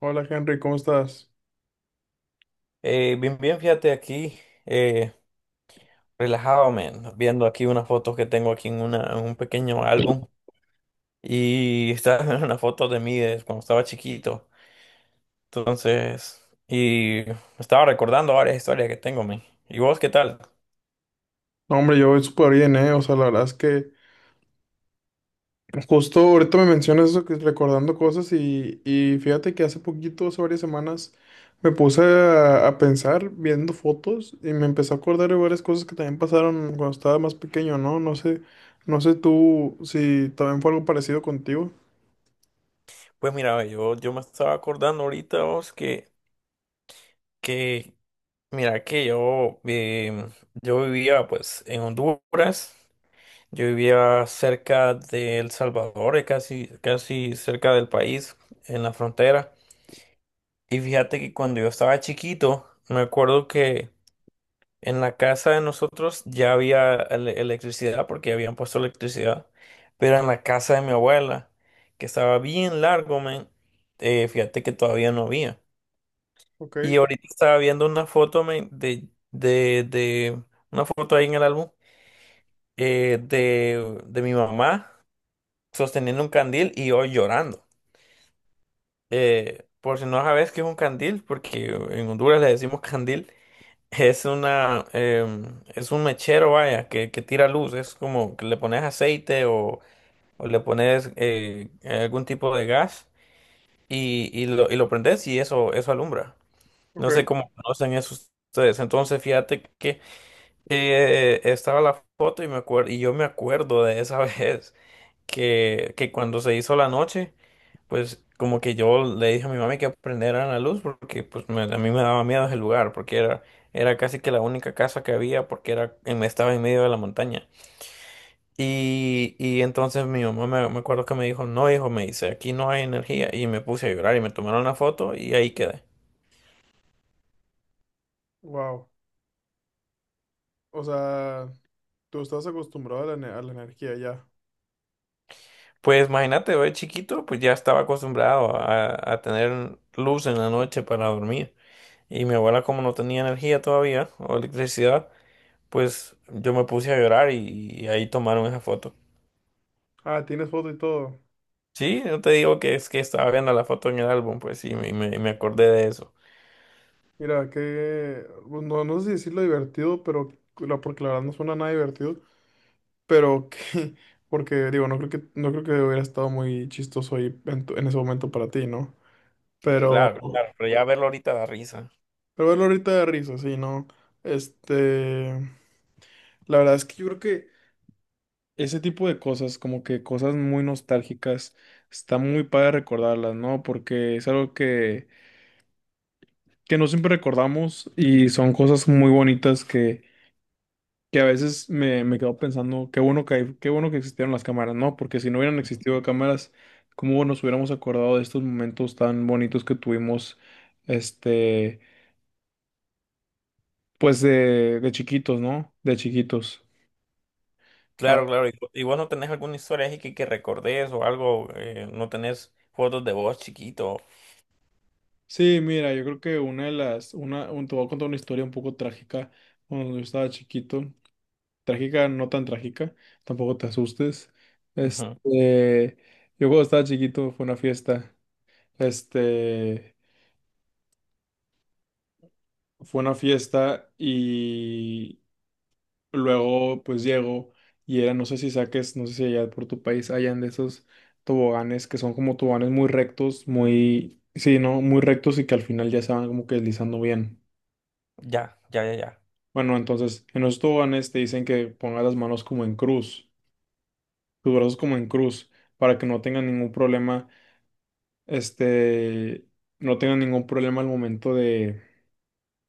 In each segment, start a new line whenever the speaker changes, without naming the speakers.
Hola Henry, ¿cómo estás?
Bien, bien, fíjate aquí, eh, relajado, man, viendo aquí unas fotos que tengo aquí en un pequeño álbum y está una foto de mí de cuando estaba chiquito. Entonces, y me estaba recordando varias historias que tengo, man. ¿Y vos qué tal?
No, hombre, yo voy súper bien, ¿eh? O sea, la verdad es que justo ahorita me mencionas eso, que recordando cosas y fíjate que hace poquito, hace varias semanas, me puse a pensar viendo fotos y me empecé a acordar de varias cosas que también pasaron cuando estaba más pequeño, ¿no? No sé tú si también fue algo parecido contigo.
Pues mira, ve, yo me estaba acordando ahorita, vos, que mira, que yo, yo vivía pues en Honduras. Yo vivía cerca de El Salvador, casi, casi cerca del país, en la frontera. Y fíjate que cuando yo estaba chiquito, me acuerdo que en la casa de nosotros ya había electricidad, porque habían puesto electricidad. Pero en la casa de mi abuela, que estaba bien largo, men, fíjate que todavía no había.
Ok,
Y ahorita estaba viendo una foto, men, una foto ahí en el álbum, de mi mamá, sosteniendo un candil y hoy llorando. Por si no sabes qué es un candil, porque en Honduras le decimos candil, es una, es un mechero, vaya, que tira luz, es como que le pones aceite o le pones algún tipo de gas y, y lo prendes y eso alumbra.
ok,
No sé cómo conocen eso ustedes. Entonces, fíjate que estaba la foto y me acuerdo, y yo me acuerdo de esa vez. Que cuando se hizo la noche, pues como que yo le dije a mi mami que prendiera la luz porque a mí me daba miedo ese lugar porque era, era casi que la única casa que había porque estaba en medio de la montaña. Y entonces mi mamá me acuerdo que me dijo, no hijo, me dice, aquí no hay energía, y me puse a llorar y me tomaron una foto y ahí quedé.
wow. O sea, tú estás acostumbrado a la, energía ya.
Pues imagínate, yo de chiquito pues ya estaba acostumbrado a tener luz en la noche para dormir, y mi abuela como no tenía energía todavía o electricidad, pues yo me puse a llorar y ahí tomaron esa foto.
Ah, tienes foto y todo.
Sí, no te digo que es que estaba viendo la foto en el álbum, pues sí, me acordé de eso.
Mira, que pues, no, no sé si decirlo divertido, pero porque la verdad no suena nada divertido. Pero que... porque, digo, no creo que hubiera estado muy chistoso ahí en ese momento para ti, ¿no? Pero.
Claro, claro, pero ya verlo ahorita da risa.
Pero verlo ahorita de risa, sí, ¿no? Este... La verdad es que yo creo que ese tipo de cosas, como que cosas muy nostálgicas, está muy padre recordarlas, ¿no? Porque es algo que no siempre recordamos y son cosas muy bonitas que a veces me quedo pensando, qué bueno que existieron las cámaras, ¿no? Porque si no hubieran existido cámaras, ¿cómo nos hubiéramos acordado de estos momentos tan bonitos que tuvimos, este, pues de chiquitos, ¿no? De chiquitos. Ah,
Claro, claro, y, y vos no tenés alguna historia así que recordés o algo, no tenés fotos de vos chiquito.
sí, mira, yo creo que una de las, una, un- te voy a contar una historia un poco trágica cuando yo estaba chiquito. Trágica, no tan trágica, tampoco te asustes.
Ujú.
Este, yo cuando estaba chiquito este, fue una fiesta y luego pues llego y era, no sé si allá por tu país hayan de esos toboganes que son como toboganes muy rectos, muy, sí, ¿no? Muy rectos y que al final ya se van como que deslizando bien.
Ya, ya, ya, ya.
Bueno, entonces en los toboganes te dicen que pongas las manos como en cruz, tus brazos como en cruz para que no tengan ningún problema este, al momento de,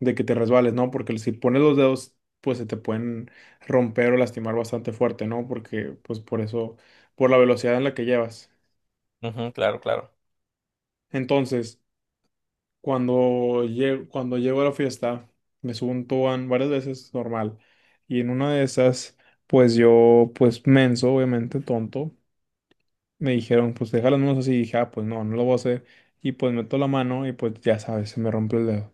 de que te resbales, ¿no? Porque si pones los dedos, pues se te pueden romper o lastimar bastante fuerte, ¿no? Porque, pues por eso, por la velocidad en la que llevas.
Ujú, claro, claro.
Entonces, cuando llego a la fiesta, me subo un tobogán varias veces, normal. Y en una de esas, pues yo, pues menso, obviamente, tonto, me dijeron, pues deja las manos así. Y dije, ah, pues no, no lo voy a hacer. Y pues meto la mano y pues ya sabes, se me rompe el dedo.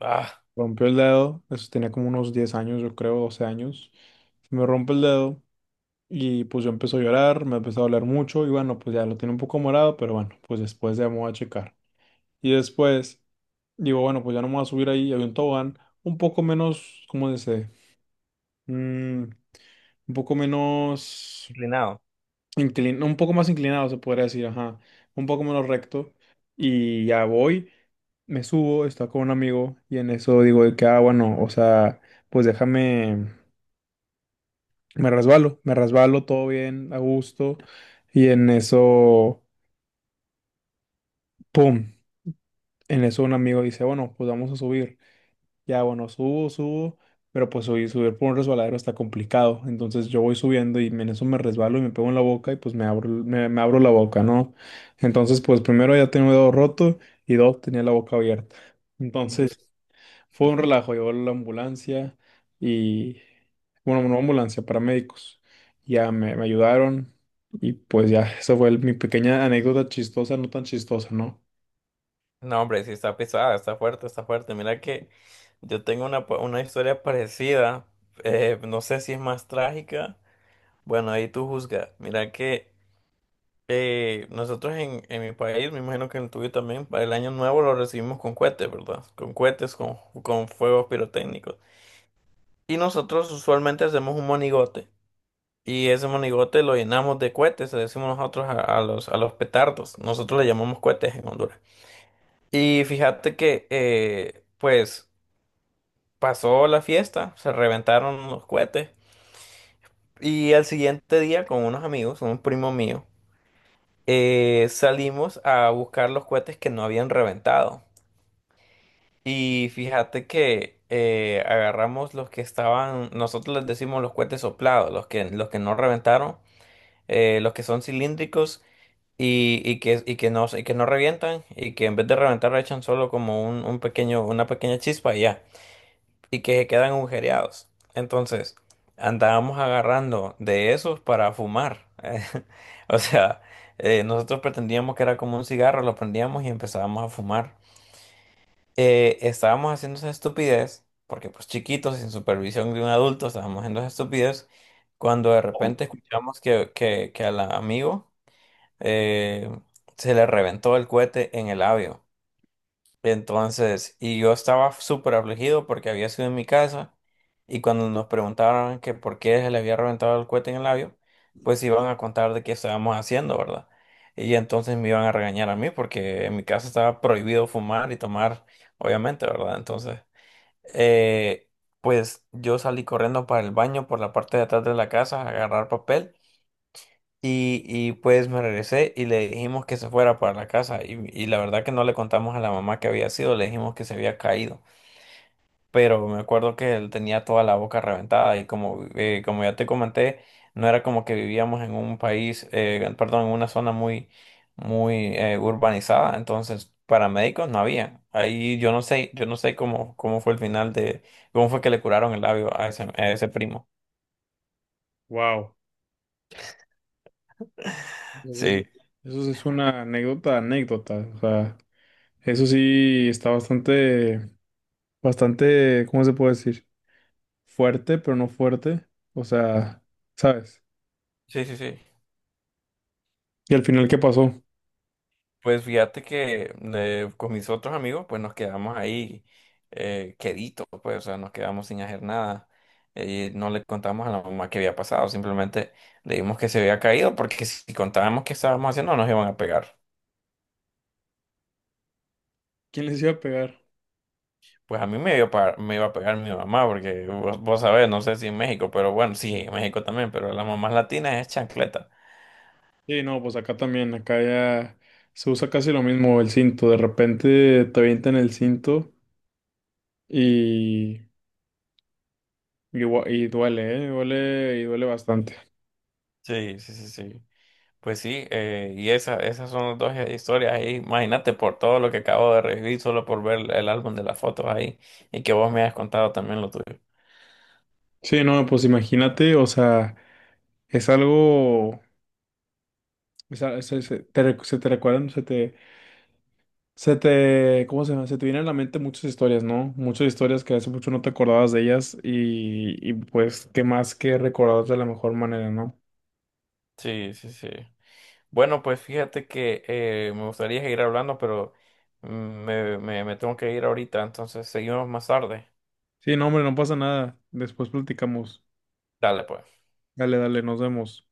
Ah,
Rompió el dedo, eso tenía como unos 10 años, yo creo, 12 años. Se me rompe el dedo y pues yo empecé a llorar, me empezó a doler mucho y bueno, pues ya lo tiene un poco morado, pero bueno, pues después ya me voy a checar. Y después digo, bueno, pues ya no me voy a subir ahí, había un tobogán un poco menos, ¿cómo dice? Mm, un poco menos
inclinado.
inclinado, un poco más inclinado se podría decir, ajá, un poco menos recto y ya voy. Me subo, está con un amigo y en eso digo de que, ah, bueno, o sea, pues déjame. Me resbalo, todo bien, a gusto. Y en eso, ¡pum! En eso un amigo dice, bueno, pues vamos a subir. Ya, bueno, subo, pero pues subir, subir por un resbaladero está complicado. Entonces yo voy subiendo y en eso me resbalo y me pego en la boca y pues me abro la boca, ¿no? Entonces, pues primero ya tenía un dedo roto y dos, tenía la boca abierta. Entonces, fue un relajo, llegó la ambulancia y, bueno, no ambulancia, paramédicos. Ya me ayudaron y pues ya, esa fue mi pequeña anécdota chistosa, no tan chistosa, ¿no?
No, hombre, sí está pesada, está fuerte, está fuerte. Mira que yo tengo una historia parecida, no sé si es más trágica. Bueno, ahí tú juzgas. Mira que nosotros en mi país, me imagino que en el tuyo también, para el año nuevo lo recibimos con cohetes, ¿verdad? Con cohetes, con fuegos pirotécnicos. Y nosotros usualmente hacemos un monigote. Y ese monigote lo llenamos de cohetes, le decimos nosotros a los petardos. Nosotros le llamamos cohetes en Honduras. Y fíjate que, pues, pasó la fiesta, se reventaron los cohetes. Y al siguiente día, con unos amigos, un primo mío. Salimos a buscar los cohetes que no habían reventado. Y fíjate que agarramos los que estaban, nosotros les decimos los cohetes soplados, los que no reventaron, los que son cilíndricos y, y que no revientan y que en vez de reventar echan solo como un pequeño, una pequeña chispa y ya, y que se quedan agujereados. Entonces, andábamos agarrando de esos para fumar. O sea, nosotros pretendíamos que era como un cigarro, lo prendíamos y empezábamos a fumar. Estábamos haciendo esa estupidez, porque pues chiquitos, sin supervisión de un adulto, estábamos haciendo esa estupidez, cuando de repente escuchamos que al amigo eh, se le reventó el cohete en el labio. Entonces, y yo estaba súper afligido porque había sido en mi casa, y cuando nos preguntaron que por qué se le había reventado el cohete en el labio, pues iban a contar de qué estábamos haciendo, ¿verdad? Y entonces me iban a regañar a mí porque en mi casa estaba prohibido fumar y tomar, obviamente, ¿verdad? Entonces, eh, pues yo salí corriendo para el baño por la parte de atrás de la casa a agarrar papel. Y pues me regresé y le dijimos que se fuera para la casa. Y la verdad que no le contamos a la mamá que había sido, le dijimos que se había caído. Pero me acuerdo que él tenía toda la boca reventada y como, como ya te comenté, no era como que vivíamos en un país, perdón, en una zona muy, muy urbanizada. Entonces, paramédicos no había. Ahí yo no sé cómo, cómo fue el final de, cómo fue que le curaron el labio a ese primo.
Wow. Eso,
Sí.
eso sí es una anécdota, anécdota. O sea, eso sí está bastante, bastante, ¿cómo se puede decir? Fuerte, pero no fuerte. O sea, ¿sabes?
Sí, sí, sí.
Y al final, ¿qué pasó?
Pues fíjate que con mis otros amigos, pues nos quedamos ahí queditos, pues, o sea, nos quedamos sin hacer nada. No le contamos a la mamá que había pasado, simplemente le dimos que se había caído, porque si contábamos qué estábamos haciendo, nos iban a pegar.
¿Quién les iba a pegar?
Pues a mí me iba a pegar, me iba a pegar mi mamá, porque vos, vos sabés, no sé si en México, pero bueno, sí, en México también, pero las mamás latinas es chancleta.
Sí, no, pues acá también, acá ya se usa casi lo mismo el cinto. De repente te avientan el cinto y, y duele, ¿eh? Duele y duele bastante.
Sí, sí, sí, sí. Pues sí, y esa, esas son las dos historias ahí. Imagínate por todo lo que acabo de revivir solo por ver el álbum de las fotos ahí y que vos me has contado también lo tuyo.
Sí, no, pues imagínate, o sea, es algo, es a- es- es- te recu- se te recuerdan, se te, ¿cómo se llama? Se te vienen a la mente muchas historias, ¿no? Muchas historias que hace mucho no te acordabas de ellas y pues qué más que recordarlas de la mejor manera, ¿no?
Sí, sí, sí. Bueno, pues fíjate que me gustaría seguir hablando, pero me tengo que ir ahorita, entonces seguimos más tarde.
Sí, no, hombre, no pasa nada. Después platicamos.
Dale, pues.
Dale, dale, nos vemos.